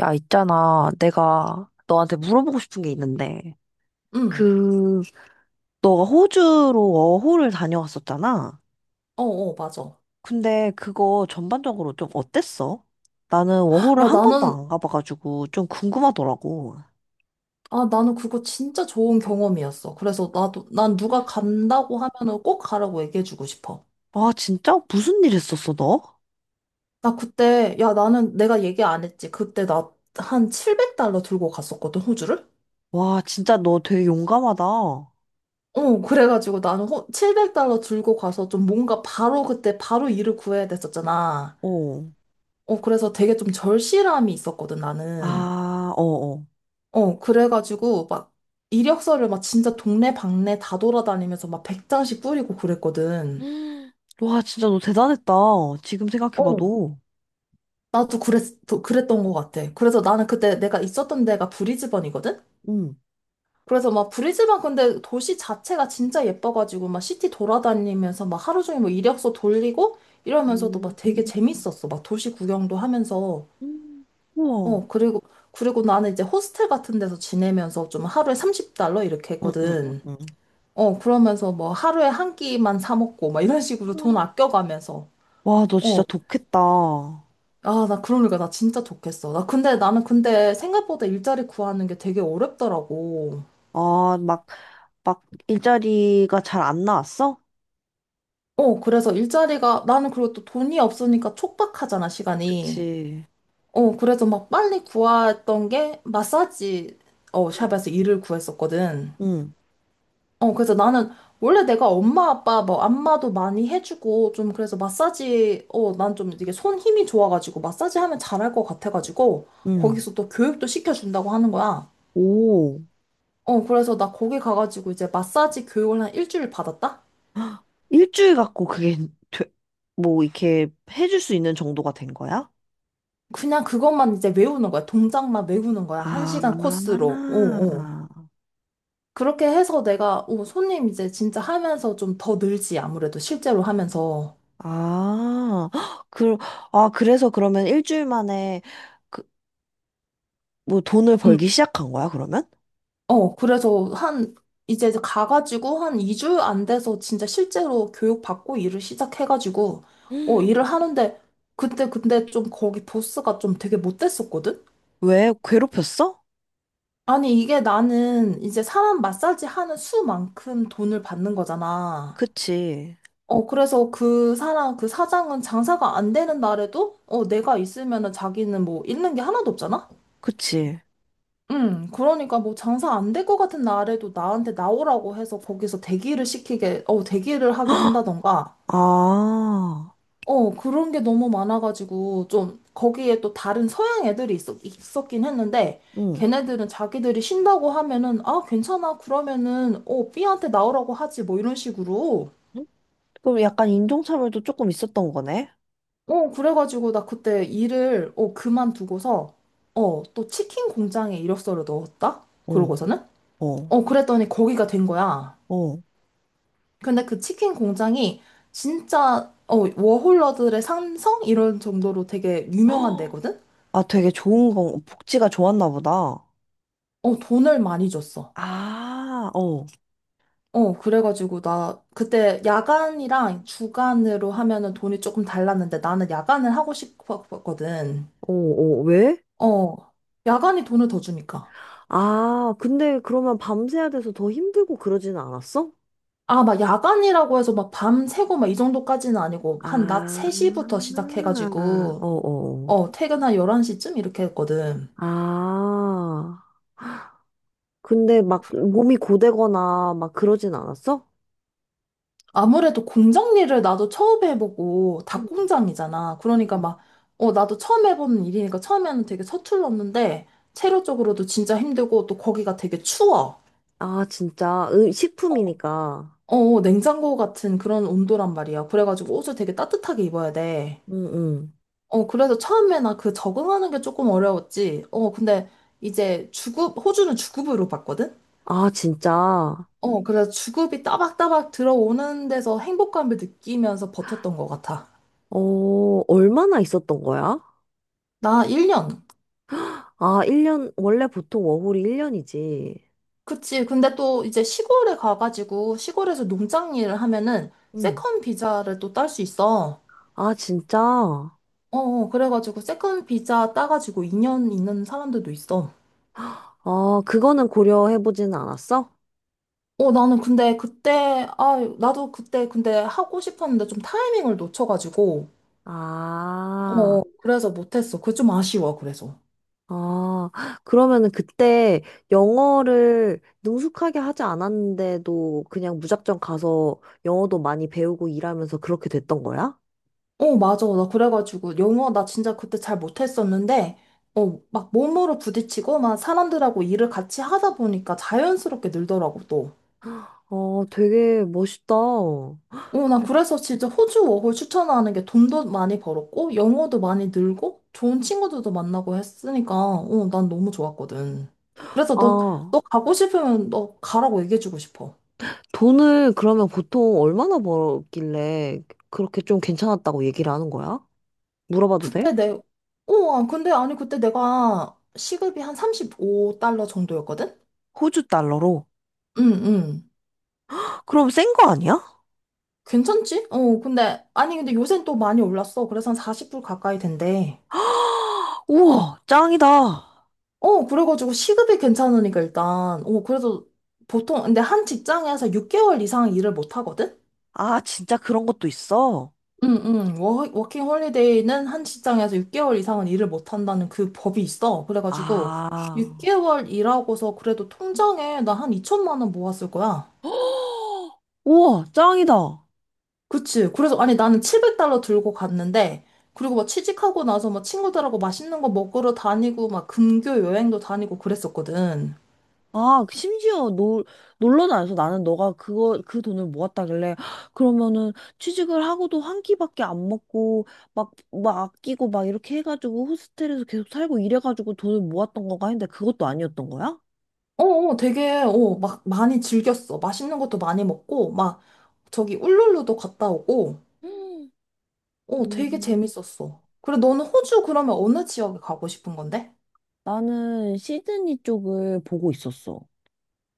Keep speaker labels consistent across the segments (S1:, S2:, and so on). S1: 야, 있잖아. 내가 너한테 물어보고 싶은 게 있는데,
S2: 응.
S1: 그, 너가 호주로 워홀을 다녀왔었잖아.
S2: 어어, 맞아.
S1: 근데 그거 전반적으로 좀 어땠어? 나는 워홀을
S2: 야,
S1: 한 번도
S2: 나는,
S1: 안 가봐가지고 좀 궁금하더라고.
S2: 나는 그거 진짜 좋은 경험이었어. 그래서 난 누가 간다고 하면은 꼭 가라고 얘기해주고 싶어.
S1: 와, 진짜? 무슨 일 했었어, 너?
S2: 야, 나는 내가 얘기 안 했지. 그때 나 한 700달러 들고 갔었거든, 호주를?
S1: 와, 진짜 너 되게 용감하다. 어.
S2: 그래가지고 700달러 들고 가서 좀 뭔가 바로 그때 바로 일을 구해야 됐었잖아. 그래서 되게 좀 절실함이 있었거든, 나는.
S1: 아, 어, 어.
S2: 그래가지고 막 이력서를 막 진짜 동네 방네 다 돌아다니면서 막 100장씩 뿌리고 그랬거든.
S1: 음. 와, 진짜 너 대단했다. 지금
S2: 어,
S1: 생각해봐도.
S2: 나도 그랬, 그랬던 것 같아. 그래서 나는 그때 내가 있었던 데가 브리즈번이거든?
S1: 응.
S2: 그래서 막 브리즈번 근데 도시 자체가 진짜 예뻐가지고 막 시티 돌아다니면서 막 하루 종일 뭐 이력서 돌리고 이러면서도
S1: 음,
S2: 막 되게 재밌었어. 막 도시 구경도 하면서.
S1: 음. 우와.
S2: 어, 그리고, 그리고 나는 이제 호스텔 같은 데서 지내면서 좀 하루에 30달러 이렇게
S1: 응, 응, 응,
S2: 했거든.
S1: 응.
S2: 그러면서 뭐 하루에 한 끼만 사 먹고 막 이런 식으로 돈 아껴가면서.
S1: 와, 너
S2: 어.
S1: 진짜 독했다. 아.
S2: 아, 나 그러니까 나 진짜 좋겠어. 나 근데 나는 근데 생각보다 일자리 구하는 게 되게 어렵더라고.
S1: 막, 막, 일자리가 잘 안 나왔어?
S2: 그래서 일자리가 나는 그리고 또 돈이 없으니까 촉박하잖아, 시간이.
S1: 그치.
S2: 그래서 막 빨리 구했던 게 마사지
S1: 응,
S2: 샵에서 일을 구했었거든.
S1: 응,
S2: 그래서 나는 원래 내가 엄마 아빠 뭐 안마도 많이 해주고 좀 그래서 마사지 난 좀 이게 손 힘이 좋아가지고 마사지 하면 잘할 것 같아가지고
S1: 응.
S2: 거기서 또 교육도 시켜준다고 하는 거야.
S1: 오.
S2: 그래서 나 거기 가가지고 이제 마사지 교육을 한 일주일 받았다?
S1: 일주일 갖고 그게, 되, 뭐, 이렇게 해줄 수 있는 정도가 된 거야?
S2: 그냥 그것만 이제 외우는 거야. 동작만 외우는 거야. 한
S1: 아.
S2: 시간 코스로. 어, 어. 그렇게 해서 내가 손님 이제 진짜 하면서 좀 더 늘지 아무래도 실제로 하면서.
S1: 아, 헉, 아, 그래서 그러면 일주일 만에, 그, 뭐, 돈을
S2: 음.
S1: 벌기 시작한 거야, 그러면?
S2: 어, 그래서 한, 이제 가가지고 한 2주 안 돼서 진짜 실제로 교육받고 일을 시작해가지고,
S1: 음.
S2: 일을 하는데, 그때 근데 좀 거기 보스가 좀 되게 못됐었거든?
S1: 왜? 괴롭혔어?
S2: 아니, 이게 나는 이제 사람 마사지 하는 수만큼 돈을 받는 거잖아.
S1: 그치,
S2: 그래서 그 사장은 장사가 안 되는 날에도, 내가 있으면은 자기는 뭐 잃는 게 하나도 없잖아?
S1: 그치.
S2: 응, 그러니까 뭐 장사 안 될 것 같은 날에도 나한테 나오라고 해서 거기서 대기를 하게 한다던가,
S1: 아,
S2: 그런 게 너무 많아가지고 좀 거기에 또 다른 서양 애들이 있었긴 했는데
S1: 응.
S2: 걔네들은 자기들이 쉰다고 하면은 아, 괜찮아. 그러면은 B한테 나오라고 하지 뭐 이런 식으로.
S1: 응? 그럼 약간 인종차별도 조금 있었던 거네?
S2: 그래가지고 나 그때 일을 그만두고서 또 치킨 공장에 이력서를 넣었다?
S1: 어,
S2: 그러고서는?
S1: 어,
S2: 그랬더니 거기가 된 거야.
S1: 어.
S2: 근데 그 치킨 공장이 진짜 워홀러들의 삼성 이런 정도로 되게 유명한
S1: 헉.
S2: 데거든?
S1: 아, 되게 좋은 건, 복지가 좋았나 보다.
S2: 돈을 많이 줬어.
S1: 아, 어.
S2: 그래가지고 나 그때 야간이랑 주간으로 하면은 돈이 조금 달랐는데 나는 야간을 하고 싶었거든.
S1: 어, 어, 왜?
S2: 어, 야간이 돈을 더 주니까.
S1: 아, 근데 그러면 밤새야 돼서 더 힘들고 그러진 않았어?
S2: 아, 막 야간이라고 해서 막 밤 새고 막 이 정도까지는 아니고 한 낮
S1: 아,
S2: 3시부터
S1: 어,
S2: 시작해가지고
S1: 어.
S2: 퇴근 한 11시쯤 이렇게 했거든.
S1: 아, 근데 막 몸이 고되거나 막 그러진 않았어?
S2: 아무래도 공장 일을 나도 처음 해보고 닭
S1: 응,
S2: 공장이잖아. 그러니까
S1: 응.
S2: 막, 나도 처음 해보는 일이니까 처음에는 되게 서툴렀는데, 체력적으로도 진짜 힘들고, 또 거기가 되게 추워.
S1: 아, 진짜.
S2: 어.
S1: 식품이니까.
S2: 냉장고 같은 그런 온도란 말이야. 그래가지고 옷을 되게 따뜻하게 입어야 돼.
S1: 응, 응.
S2: 그래서 처음에 나 그 적응하는 게 조금 어려웠지. 근데 이제 호주는 주급으로 봤거든?
S1: 아, 진짜.
S2: 그래서 주급이 따박따박 들어오는 데서 행복감을 느끼면서 버텼던 것 같아.
S1: 어, 얼마나 있었던 거야?
S2: 나 1년.
S1: 아, 1년, 원래 보통 워홀이 1년이지.
S2: 그치. 근데 또 이제 시골에 가가지고 시골에서 농장 일을 하면은
S1: 응.
S2: 세컨 비자를 또 딸 수 있어.
S1: 아, 진짜.
S2: 그래가지고 세컨 비자 따가지고 2년 있는 사람들도 있어.
S1: 아, 그거는 고려해보지는 않았어?
S2: 어, 나는 근데 그때, 아, 나도 그때 근데 하고 싶었는데 좀 타이밍을 놓쳐가지고,
S1: 아,
S2: 그래서 못했어. 그게 좀 아쉬워, 그래서.
S1: 아, 그러면은 그때 영어를 능숙하게 하지 않았는데도 그냥 무작정 가서 영어도 많이 배우고 일하면서 그렇게 됐던 거야?
S2: 맞아. 나 그래가지고 영어 나 진짜 그때 잘 못했었는데, 막 몸으로 부딪히고 막 사람들하고 일을 같이 하다 보니까 자연스럽게 늘더라고, 또.
S1: 어, 되게 멋있다.
S2: 나 그래서 진짜 호주 워홀 추천하는 게 돈도 많이 벌었고, 영어도 많이 늘고, 좋은 친구들도 만나고 했으니까, 난 너무 좋았거든. 그래서
S1: 아,
S2: 너 가고 싶으면 너 가라고 얘기해주고 싶어.
S1: 돈을 그러면 보통 얼마나 벌길래 그렇게 좀 괜찮았다고 얘기를 하는 거야? 물어봐도 돼?
S2: 그때 내, 어, 아, 근데 아니, 그때 내가 시급이 한 35달러 정도였거든?
S1: 호주 달러로?
S2: 응, 응.
S1: 그럼 센 거 아니야?
S2: 괜찮지? 아니, 근데 요새는 또 많이 올랐어. 그래서 한 40불 가까이 된대.
S1: 우와, 짱이다.
S2: 그래가지고 시급이 괜찮으니까 일단, 그래서 근데 한 직장에서 6개월 이상 일을 못 하거든?
S1: 아, 진짜 그런 것도 있어?
S2: 응, 응. 워킹 홀리데이는 한 직장에서 6개월 이상은 일을 못 한다는 그 법이 있어. 그래가지고,
S1: 아.
S2: 6개월 일하고서 그래도 통장에 나 한 2천만 원 모았을 거야.
S1: 우와, 짱이다.
S2: 그치. 그래서, 아니, 나는 700달러 들고 갔는데, 그리고 막 취직하고 나서 막 친구들하고 맛있는 거 먹으러 다니고, 막 금교 여행도 다니고 그랬었거든.
S1: 아, 심지어 놀러 다녀서 나는 너가 그 돈을 모았다길래, "헉, 그러면은 취직을 하고도 한 끼밖에 안 먹고, 막, 막 아끼고 막 이렇게 해가지고 호스텔에서 계속 살고 이래가지고 돈을 모았던 건가 했는데 그것도 아니었던 거야?
S2: 어, 되게, 막 많이 즐겼어. 맛있는 것도 많이 먹고, 막 저기 울룰루도 갔다 오고,
S1: 음,
S2: 되게
S1: 음,
S2: 재밌었어. 그래, 너는 호주 그러면 어느 지역에 가고 싶은 건데?
S1: 나는 시드니 쪽을 보고 있었어.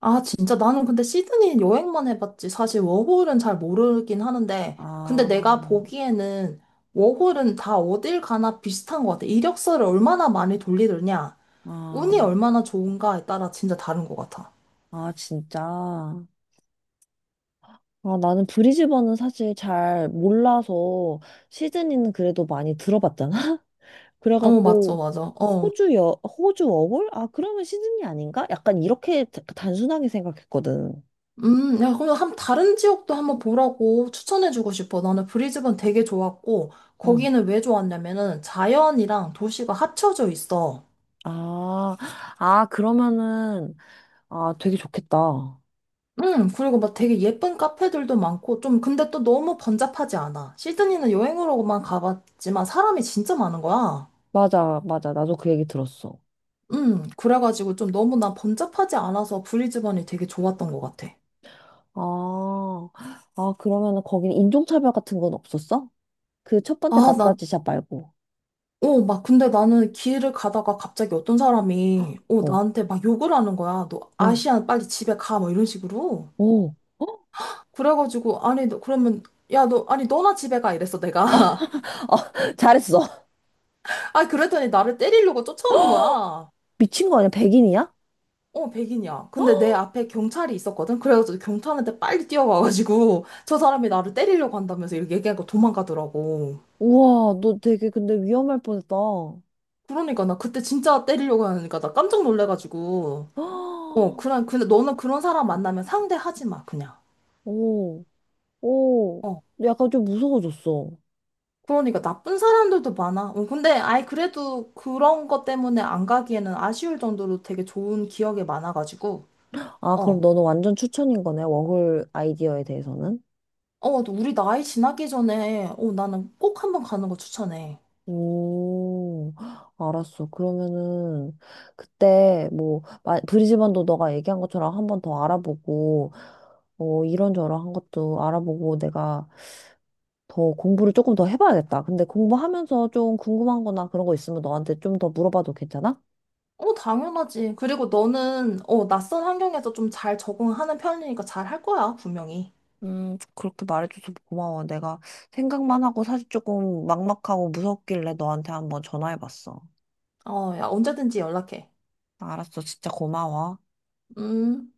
S2: 아, 진짜 나는 근데 시드니 여행만 해봤지. 사실 워홀은 잘 모르긴 하는데, 근데
S1: 아,
S2: 내가 보기에는 워홀은 다 어딜 가나 비슷한 것 같아. 이력서를 얼마나 많이 돌리느냐,
S1: 아,
S2: 운이 얼마나 좋은가에 따라 진짜 다른 것 같아.
S1: 아, 진짜. 아, 나는 브리즈번은 사실 잘 몰라서 시드니는 그래도 많이 들어봤잖아.
S2: 맞죠,
S1: 그래갖고
S2: 맞아. 어.
S1: 호주 여 호주 워홀? 아, 그러면 시드니 아닌가? 약간 이렇게 단순하게 생각했거든.
S2: 야, 그럼 한 다른 지역도 한번 보라고 추천해주고 싶어. 나는 브리즈번 되게 좋았고,
S1: 응.
S2: 거기는 왜 좋았냐면은 자연이랑 도시가 합쳐져 있어.
S1: 아, 아 그러면은 아 되게 좋겠다.
S2: 그리고 막 되게 예쁜 카페들도 많고, 좀 근데 또 너무 번잡하지 않아. 시드니는 여행으로만 가봤지만 사람이 진짜 많은 거야.
S1: 맞아, 맞아. 나도 그 얘기 들었어.
S2: 그래가지고 좀 너무 나 번잡하지 않아서 브리즈번이 되게 좋았던 것 같아.
S1: 아, 아 그러면은 거기는 인종차별 같은 건 없었어? 그 첫 번째
S2: 아, 나
S1: 마사지샵 말고.
S2: 근데 나는 길을 가다가 갑자기 어떤 사람이,
S1: 어,
S2: 나한테 막 욕을 하는 거야. 너
S1: 어,
S2: 아시안 빨리 집에 가. 막 이런 식으로.
S1: 어.
S2: 그래가지고, 아니, 너, 그러면, 야, 너, 아니, 너나 집에 가. 이랬어, 내가.
S1: 아, 잘했어.
S2: 아, 그랬더니 나를 때리려고 쫓아오는 거야.
S1: 미친 거 아니야? 백인이야?
S2: 백인이야. 근데 내 앞에 경찰이 있었거든. 그래가지고 경찰한테 빨리 뛰어가가지고, 저 사람이 나를 때리려고 한다면서 이렇게 얘기하고 도망가더라고.
S1: 우와, 너 되게 근데 위험할 뻔했다.
S2: 그러니까 나 그때 진짜 때리려고 하니까 나 깜짝 놀래가지고, 근데 너는 그런 사람 만나면 상대하지 마, 그냥.
S1: 오. 오,
S2: 어.
S1: 약간 좀 무서워졌어.
S2: 그러니까 나쁜 사람들도 많아. 근데 아이 그래도 그런 것 때문에 안 가기에는 아쉬울 정도로 되게 좋은 기억이 많아가지고.
S1: 아, 그럼
S2: 어.
S1: 너는 완전 추천인 거네, 워홀 아이디어에 대해서는?
S2: 또 우리 나이 지나기 전에 나는 꼭 한번 가는 거 추천해.
S1: 오. 알았어. 그러면은, 그때, 뭐, 브리즈번도 너가 얘기한 것처럼 한번 더 알아보고, 이런저런 한 것도 알아보고 내가 더 공부를 조금 더 해봐야겠다. 근데 공부하면서 좀 궁금한 거나 그런 거 있으면 너한테 좀 더 물어봐도 괜찮아?
S2: 당연하지. 그리고 너는 낯선 환경에서 좀 잘 적응하는 편이니까 잘 할 거야, 분명히.
S1: 그렇게 말해줘서 고마워. 내가 생각만 하고 사실 조금 막막하고 무섭길래 너한테 한번 전화해봤어.
S2: 야, 언제든지 연락해.
S1: 알았어. 진짜 고마워.
S2: 음.